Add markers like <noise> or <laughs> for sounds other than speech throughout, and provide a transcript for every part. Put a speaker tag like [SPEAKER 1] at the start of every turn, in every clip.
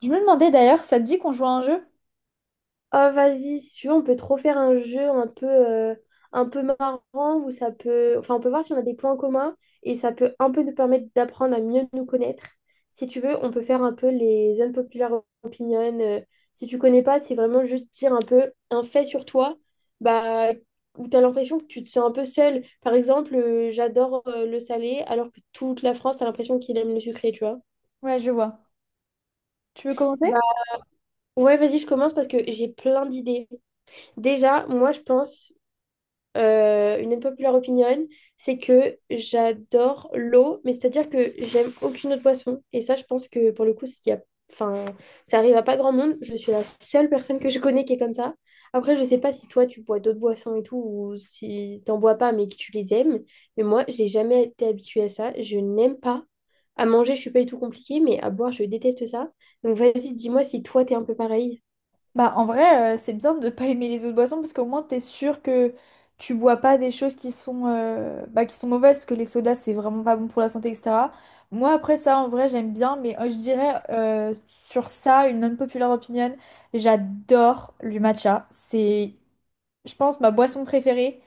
[SPEAKER 1] Je me demandais d'ailleurs, ça te dit qu'on joue à un jeu?
[SPEAKER 2] Oh, vas-y, si tu veux, on peut trop faire un jeu un peu marrant où ça peut… Enfin, on peut voir si on a des points communs et ça peut un peu nous permettre d'apprendre à mieux nous connaître. Si tu veux, on peut faire un peu les unpopular opinions. Si tu connais pas, c'est vraiment juste dire un peu un fait sur toi bah, où tu as l'impression que tu te sens un peu seul. Par exemple, j'adore le salé alors que toute la France, tu as l'impression qu'il aime le sucré, tu vois.
[SPEAKER 1] Ouais, je vois. Tu veux commencer?
[SPEAKER 2] Bah, ouais, vas-y, je commence parce que j'ai plein d'idées. Déjà, moi, je pense… une unpopular opinion, c'est que j'adore l'eau, mais c'est-à-dire que j'aime aucune autre boisson. Et ça, je pense que pour le coup, s'il y a… enfin, ça arrive à pas grand monde. Je suis la seule personne que je connais qui est comme ça. Après, je sais pas si toi, tu bois d'autres boissons et tout, ou si t'en bois pas, mais que tu les aimes. Mais moi, j'ai jamais été habituée à ça. Je n'aime pas. À manger, je suis pas du tout compliquée, mais à boire, je déteste ça. Donc vas-y, dis-moi si toi, t'es un peu pareil.
[SPEAKER 1] Bah, en vrai, c'est bien de ne pas aimer les autres boissons parce qu'au moins t'es sûr que tu bois pas des choses qui sont, bah, qui sont mauvaises parce que les sodas c'est vraiment pas bon pour la santé, etc. Moi, après ça, en vrai, j'aime bien, mais je dirais sur ça, une non-populaire opinion, j'adore le matcha. C'est je pense, ma boisson préférée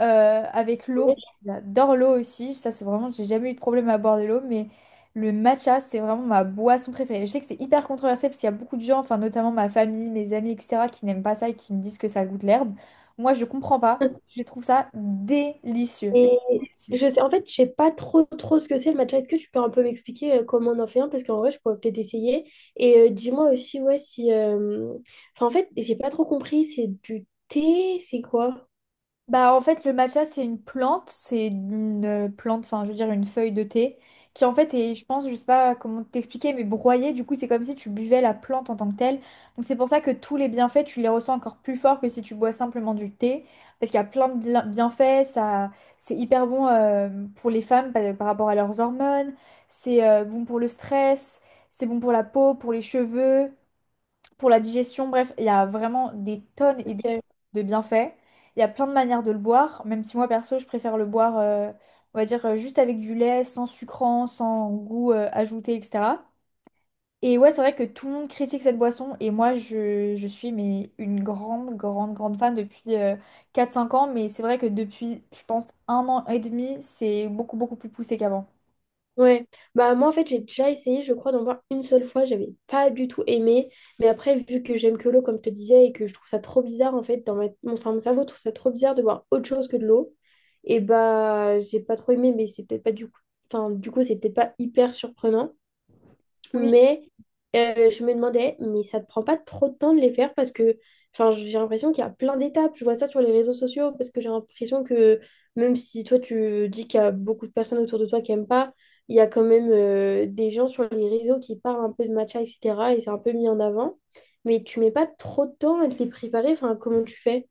[SPEAKER 1] avec l'eau. J'adore l'eau aussi. Ça, c'est vraiment, j'ai jamais eu de problème à boire de l'eau, mais le matcha, c'est vraiment ma boisson préférée. Je sais que c'est hyper controversé parce qu'il y a beaucoup de gens, enfin, notamment ma famille, mes amis, etc., qui n'aiment pas ça et qui me disent que ça goûte l'herbe. Moi, je comprends pas. Je trouve ça délicieux.
[SPEAKER 2] Ouais.
[SPEAKER 1] Délicieux.
[SPEAKER 2] Je sais, en fait, je sais pas trop trop ce que c'est le matcha. Est-ce que tu peux un peu m'expliquer comment on en fait un? Parce qu'en vrai, je pourrais peut-être essayer. Et dis-moi aussi, ouais, si. Enfin, en fait, j'ai pas trop compris. C'est du thé, c'est quoi?
[SPEAKER 1] Bah, en fait, le matcha, c'est une plante, enfin, je veux dire, une feuille de thé, qui en fait est, je pense, je sais pas comment t'expliquer, mais broyée, du coup, c'est comme si tu buvais la plante en tant que telle. Donc, c'est pour ça que tous les bienfaits, tu les ressens encore plus fort que si tu bois simplement du thé, parce qu'il y a plein de bienfaits. Ça, c'est hyper bon pour les femmes par rapport à leurs hormones, c'est bon pour le stress, c'est bon pour la peau, pour les cheveux pour la digestion. Bref, il y a vraiment des tonnes et des tonnes
[SPEAKER 2] Ok.
[SPEAKER 1] de bienfaits. Il y a plein de manières de le boire, même si moi perso, je préfère le boire, on va dire, juste avec du lait, sans sucrant, sans goût ajouté, etc. Et ouais, c'est vrai que tout le monde critique cette boisson, et moi, je suis mais une grande, grande, grande fan depuis 4-5 ans, mais c'est vrai que depuis, je pense, un an et demi, c'est beaucoup, beaucoup plus poussé qu'avant.
[SPEAKER 2] Ouais. Bah, moi, en fait, j'ai déjà essayé, je crois, d'en boire une seule fois. J'avais pas du tout aimé. Mais après, vu que j'aime que l'eau, comme je te disais, et que je trouve ça trop bizarre, en fait, dans ma… enfin, mon cerveau trouve ça trop bizarre de boire autre chose que de l'eau. Et bah, j'ai pas trop aimé, mais c'est peut-être pas du coup. Enfin, du coup, c'est peut-être pas hyper surprenant.
[SPEAKER 1] Oui.
[SPEAKER 2] Mais je me demandais, mais ça te prend pas trop de temps de les faire parce que enfin, j'ai l'impression qu'il y a plein d'étapes. Je vois ça sur les réseaux sociaux parce que j'ai l'impression que même si toi tu dis qu'il y a beaucoup de personnes autour de toi qui aiment pas, il y a quand même des gens sur les réseaux qui parlent un peu de matcha, etc. Et c'est un peu mis en avant. Mais tu mets pas trop de temps à te les préparer. Enfin, comment tu fais?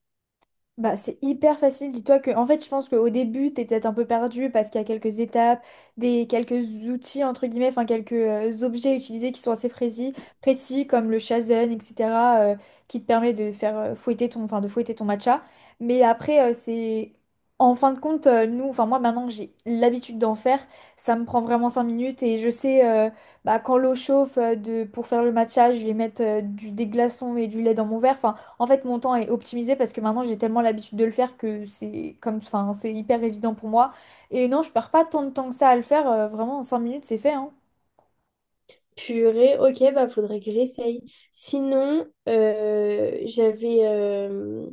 [SPEAKER 1] Bah, c'est hyper facile. Dis-toi que, en fait, je pense qu'au début, t'es peut-être un peu perdu parce qu'il y a quelques étapes, quelques outils, entre guillemets, enfin, quelques objets utilisés qui sont assez précis, précis comme le shazen, etc., euh, qui te permet de faire fouetter ton, enfin, de fouetter ton matcha. Mais après, c'est, en fin de compte, nous, enfin, moi, maintenant que j'ai l'habitude d'en faire, ça me prend vraiment 5 minutes et je sais, bah, quand l'eau chauffe pour faire le matcha, je vais mettre des glaçons et du lait dans mon verre. Enfin, en fait, mon temps est optimisé parce que maintenant j'ai tellement l'habitude de le faire que c'est comme, enfin, c'est hyper évident pour moi. Et non, je perds pas tant de temps que ça à le faire. Vraiment, en 5 minutes, c'est fait, hein.
[SPEAKER 2] Purée, ok, bah faudrait que j'essaye. Sinon, j'avais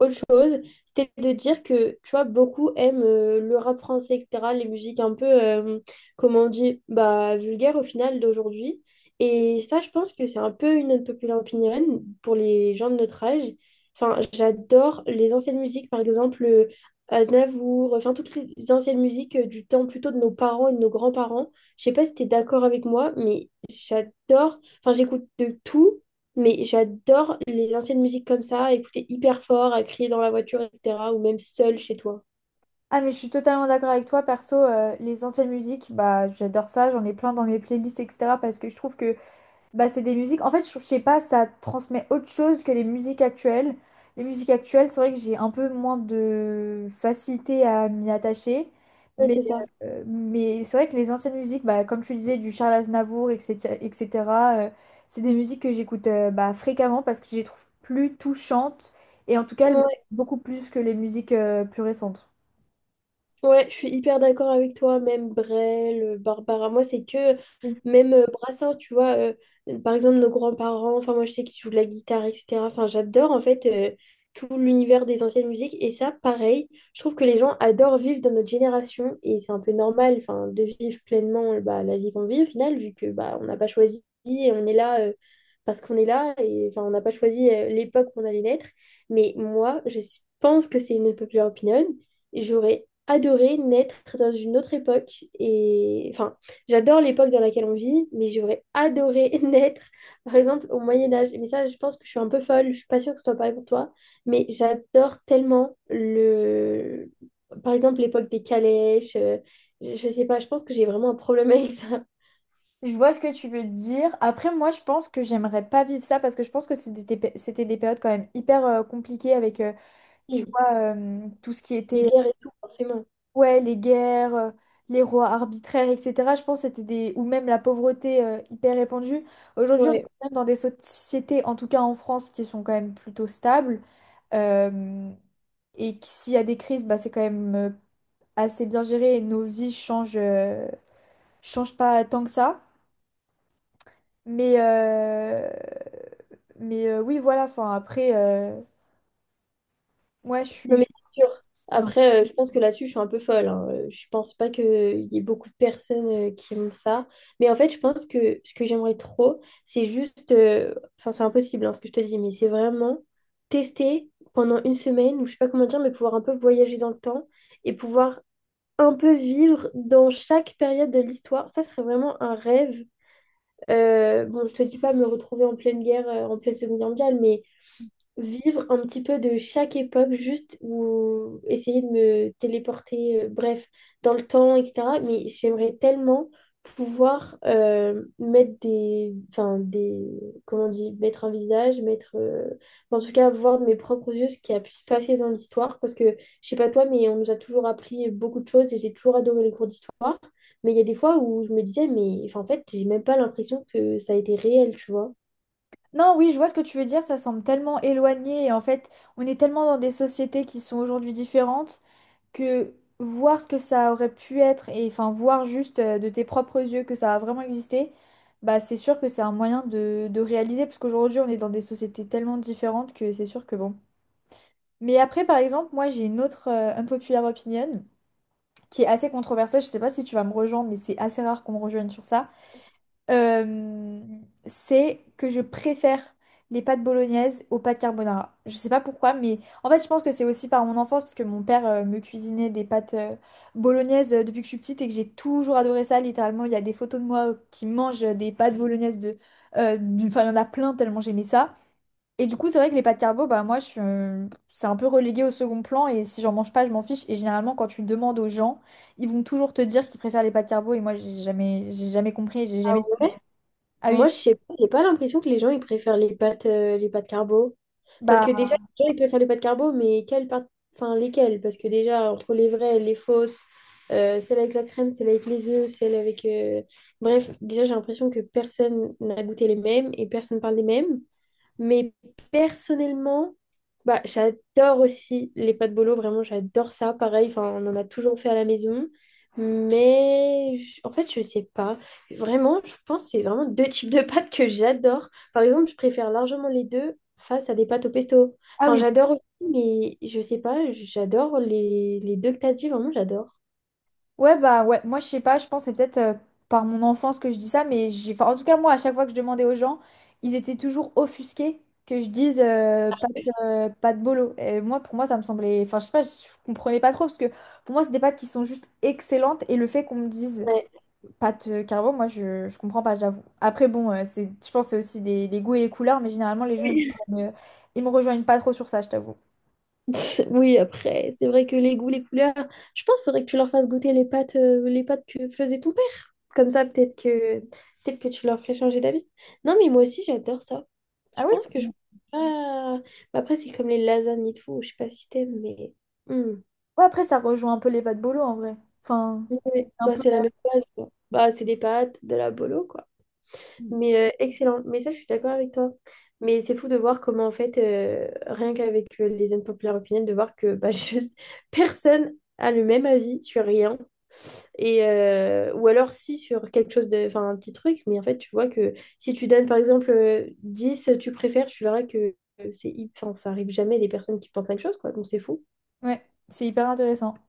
[SPEAKER 2] autre chose, c'était de dire que, tu vois, beaucoup aiment le rap français, etc., les musiques un peu, comment on dit, bah, vulgaires au final d'aujourd'hui. Et ça, je pense que c'est un peu une unpopular opinion pour les gens de notre âge. Enfin, j'adore les anciennes musiques, par exemple Aznavour, enfin toutes les anciennes musiques du temps plutôt de nos parents et de nos grands-parents. Je sais pas si t'es d'accord avec moi, mais j'adore, enfin j'écoute de tout. Mais j'adore les anciennes musiques comme ça, écouter hyper fort, à crier dans la voiture, etc. Ou même seul chez toi.
[SPEAKER 1] Ah, mais je suis totalement d'accord avec toi. Perso, les anciennes musiques, bah, j'adore ça. J'en ai plein dans mes playlists, etc. Parce que je trouve que bah, c'est des musiques. En fait, je sais pas, ça transmet autre chose que les musiques actuelles. Les musiques actuelles, c'est vrai que j'ai un peu moins de facilité à m'y attacher.
[SPEAKER 2] Ouais,
[SPEAKER 1] Mais,
[SPEAKER 2] c'est ça.
[SPEAKER 1] mais c'est vrai que les anciennes musiques, bah, comme tu disais, du Charles Aznavour, etc., etc., euh, c'est des musiques que j'écoute bah, fréquemment parce que je les trouve plus touchantes. Et en tout cas, elles m'attachent
[SPEAKER 2] Ouais,
[SPEAKER 1] beaucoup plus que les musiques plus récentes.
[SPEAKER 2] Ouais, je suis hyper d'accord avec toi, même Brel, Barbara. Moi, c'est que même Brassens, tu vois, par exemple, nos grands-parents, enfin, moi, je sais qu'ils jouent de la guitare, etc. Enfin, j'adore en fait tout l'univers des anciennes musiques. Et ça, pareil, je trouve que les gens adorent vivre dans notre génération et c'est un peu normal, enfin, de vivre pleinement bah, la vie qu'on vit au final, vu que bah, on n'a pas choisi et on est là parce qu'on est là et enfin, on n'a pas choisi l'époque où on allait naître. Mais moi, je pense que c'est une popular opinion. J'aurais adoré naître dans une autre époque et enfin j'adore l'époque dans laquelle on vit mais j'aurais adoré <laughs> naître par exemple au Moyen Âge mais ça je pense que je suis un peu folle, je suis pas sûre que ce soit pareil pour toi mais j'adore tellement le par exemple l'époque des calèches, je sais pas, je pense que j'ai vraiment un problème avec ça. <laughs>
[SPEAKER 1] Je vois ce que tu veux dire. Après, moi, je pense que j'aimerais pas vivre ça parce que je pense que c'était c'était des périodes quand même hyper compliquées avec, tu
[SPEAKER 2] Oui,
[SPEAKER 1] vois, tout ce qui
[SPEAKER 2] les
[SPEAKER 1] était,
[SPEAKER 2] guerres et tout forcément.
[SPEAKER 1] ouais, les guerres, les rois arbitraires, etc. Je pense que c'était ou même la pauvreté hyper répandue. Aujourd'hui, on est
[SPEAKER 2] Ouais.
[SPEAKER 1] quand même dans des sociétés, en tout cas en France, qui sont quand même plutôt stables. euh, et que s'il y a des crises, bah, c'est quand même assez bien géré et nos vies changent, changent pas tant que ça. Mais, euh, mais, oui, voilà, enfin après, moi je suis,
[SPEAKER 2] Non, mais c'est sûr.
[SPEAKER 1] Non.
[SPEAKER 2] Après, je pense que là-dessus, je suis un peu folle, hein. Je pense pas qu'il y ait beaucoup de personnes qui aiment ça. Mais en fait, je pense que ce que j'aimerais trop, c'est juste. Enfin, c'est impossible hein, ce que je te dis, mais c'est vraiment tester pendant une semaine, ou je sais pas comment dire, mais pouvoir un peu voyager dans le temps et pouvoir un peu vivre dans chaque période de l'histoire. Ça serait vraiment un rêve. Bon, je te dis pas me retrouver en pleine guerre, en pleine Seconde Guerre mondiale, mais vivre un petit peu de chaque époque, juste ou essayer de me téléporter, bref, dans le temps, etc. Mais j'aimerais tellement pouvoir mettre des, enfin des, comment on dit, mettre un visage, mettre, en tout cas voir de mes propres yeux ce qui a pu se passer dans l'histoire, parce que je sais pas toi, mais on nous a toujours appris beaucoup de choses et j'ai toujours adoré les cours d'histoire. Mais il y a des fois où je me disais, mais enfin, en fait, j'ai même pas l'impression que ça a été réel, tu vois.
[SPEAKER 1] Non, oui, je vois ce que tu veux dire, ça semble tellement éloigné et en fait, on est tellement dans des sociétés qui sont aujourd'hui différentes que voir ce que ça aurait pu être et enfin voir juste de tes propres yeux que ça a vraiment existé, bah c'est sûr que c'est un moyen de réaliser parce qu'aujourd'hui on est dans des sociétés tellement différentes que c'est sûr que bon. Mais après, par exemple, moi j'ai une autre unpopular opinion, qui est assez controversé, je sais pas si tu vas me rejoindre, mais c'est assez rare qu'on me rejoigne sur ça. euh, c'est que je préfère les pâtes bolognaises aux pâtes carbonara. Je sais pas pourquoi, mais en fait, je pense que c'est aussi par mon enfance, parce que mon père me cuisinait des pâtes bolognaises depuis que je suis petite et que j'ai toujours adoré ça. Littéralement, il y a des photos de moi qui mangent des pâtes bolognaises Enfin, il y en a plein tellement j'aimais ça. Et du coup, c'est vrai que les pâtes carbo, bah moi, je suis, c'est un peu relégué au second plan et si j'en mange pas, je m'en fiche. Et généralement, quand tu demandes aux gens, ils vont toujours te dire qu'ils préfèrent les pâtes carbo et moi, j'ai jamais compris, j'ai jamais. Ah
[SPEAKER 2] Moi,
[SPEAKER 1] oui,
[SPEAKER 2] je sais pas, j'ai pas l'impression que les gens ils préfèrent les pâtes carbo. Parce
[SPEAKER 1] bah
[SPEAKER 2] que déjà, les gens ils préfèrent les pâtes carbo, mais quelles pâtes, enfin lesquelles? Parce que déjà, entre les vraies, les fausses, celles avec la crème, celles avec les œufs, celles avec. Bref, déjà, j'ai l'impression que personne n'a goûté les mêmes et personne parle des mêmes. Mais personnellement, bah, j'adore aussi les pâtes bolo, vraiment, j'adore ça. Pareil, enfin, on en a toujours fait à la maison. Mais en fait, je sais pas. Vraiment, je pense que c'est vraiment deux types de pâtes que j'adore. Par exemple, je préfère largement les deux face à des pâtes au pesto.
[SPEAKER 1] ah
[SPEAKER 2] Enfin,
[SPEAKER 1] oui,
[SPEAKER 2] j'adore aussi, mais je sais pas, j'adore les deux que t'as dit, vraiment, j'adore.
[SPEAKER 1] ouais bah ouais. Moi, je sais pas, je pense que c'est peut-être par mon enfance que je dis ça, mais j'ai, enfin, en tout cas, moi, à chaque fois que je demandais aux gens, ils étaient toujours offusqués que je dise pâtes bolo. Et moi, pour moi, ça me semblait, enfin, je sais pas, je comprenais pas trop parce que pour moi, c'est des pâtes qui sont juste excellentes et le fait qu'on me dise
[SPEAKER 2] Ouais.
[SPEAKER 1] pâte carbo, moi je comprends pas, j'avoue. Après, bon, c'est, je pense que c'est aussi les goûts et les couleurs, mais généralement les gens ils me rejoignent pas trop sur ça, je t'avoue.
[SPEAKER 2] <laughs> Oui, après, c'est vrai que les goûts, les couleurs, je pense qu'il faudrait que tu leur fasses goûter les pâtes que faisait ton père. Comme ça, peut-être que tu leur ferais changer d'avis. Non, mais moi aussi, j'adore ça.
[SPEAKER 1] Ah
[SPEAKER 2] Je
[SPEAKER 1] oui?
[SPEAKER 2] pense que je… Ah. Bah, après, c'est comme les lasagnes et tout. Je sais pas si t'aimes, mais… Hmm.
[SPEAKER 1] Ouais, après ça rejoint un peu les pâtes bolo en vrai. Enfin,
[SPEAKER 2] Ouais.
[SPEAKER 1] un
[SPEAKER 2] Bah,
[SPEAKER 1] peu.
[SPEAKER 2] c'est
[SPEAKER 1] Ouais,
[SPEAKER 2] la même base, quoi. Bah, c'est des pâtes, de la bolo, quoi. Mais excellent. Mais ça, je suis d'accord avec toi. Mais c'est fou de voir comment, en fait, rien qu'avec les unpopular opinions, de voir que bah, <laughs> juste personne a le même avis sur rien. Et, ou alors, si, sur quelque chose de… Enfin, un petit truc. Mais en fait, tu vois que si tu donnes, par exemple, 10, tu préfères, tu verras que c'est… Enfin, ça arrive jamais des personnes qui pensent la même chose, quoi. Donc, c'est fou.
[SPEAKER 1] ouais, c'est hyper intéressant.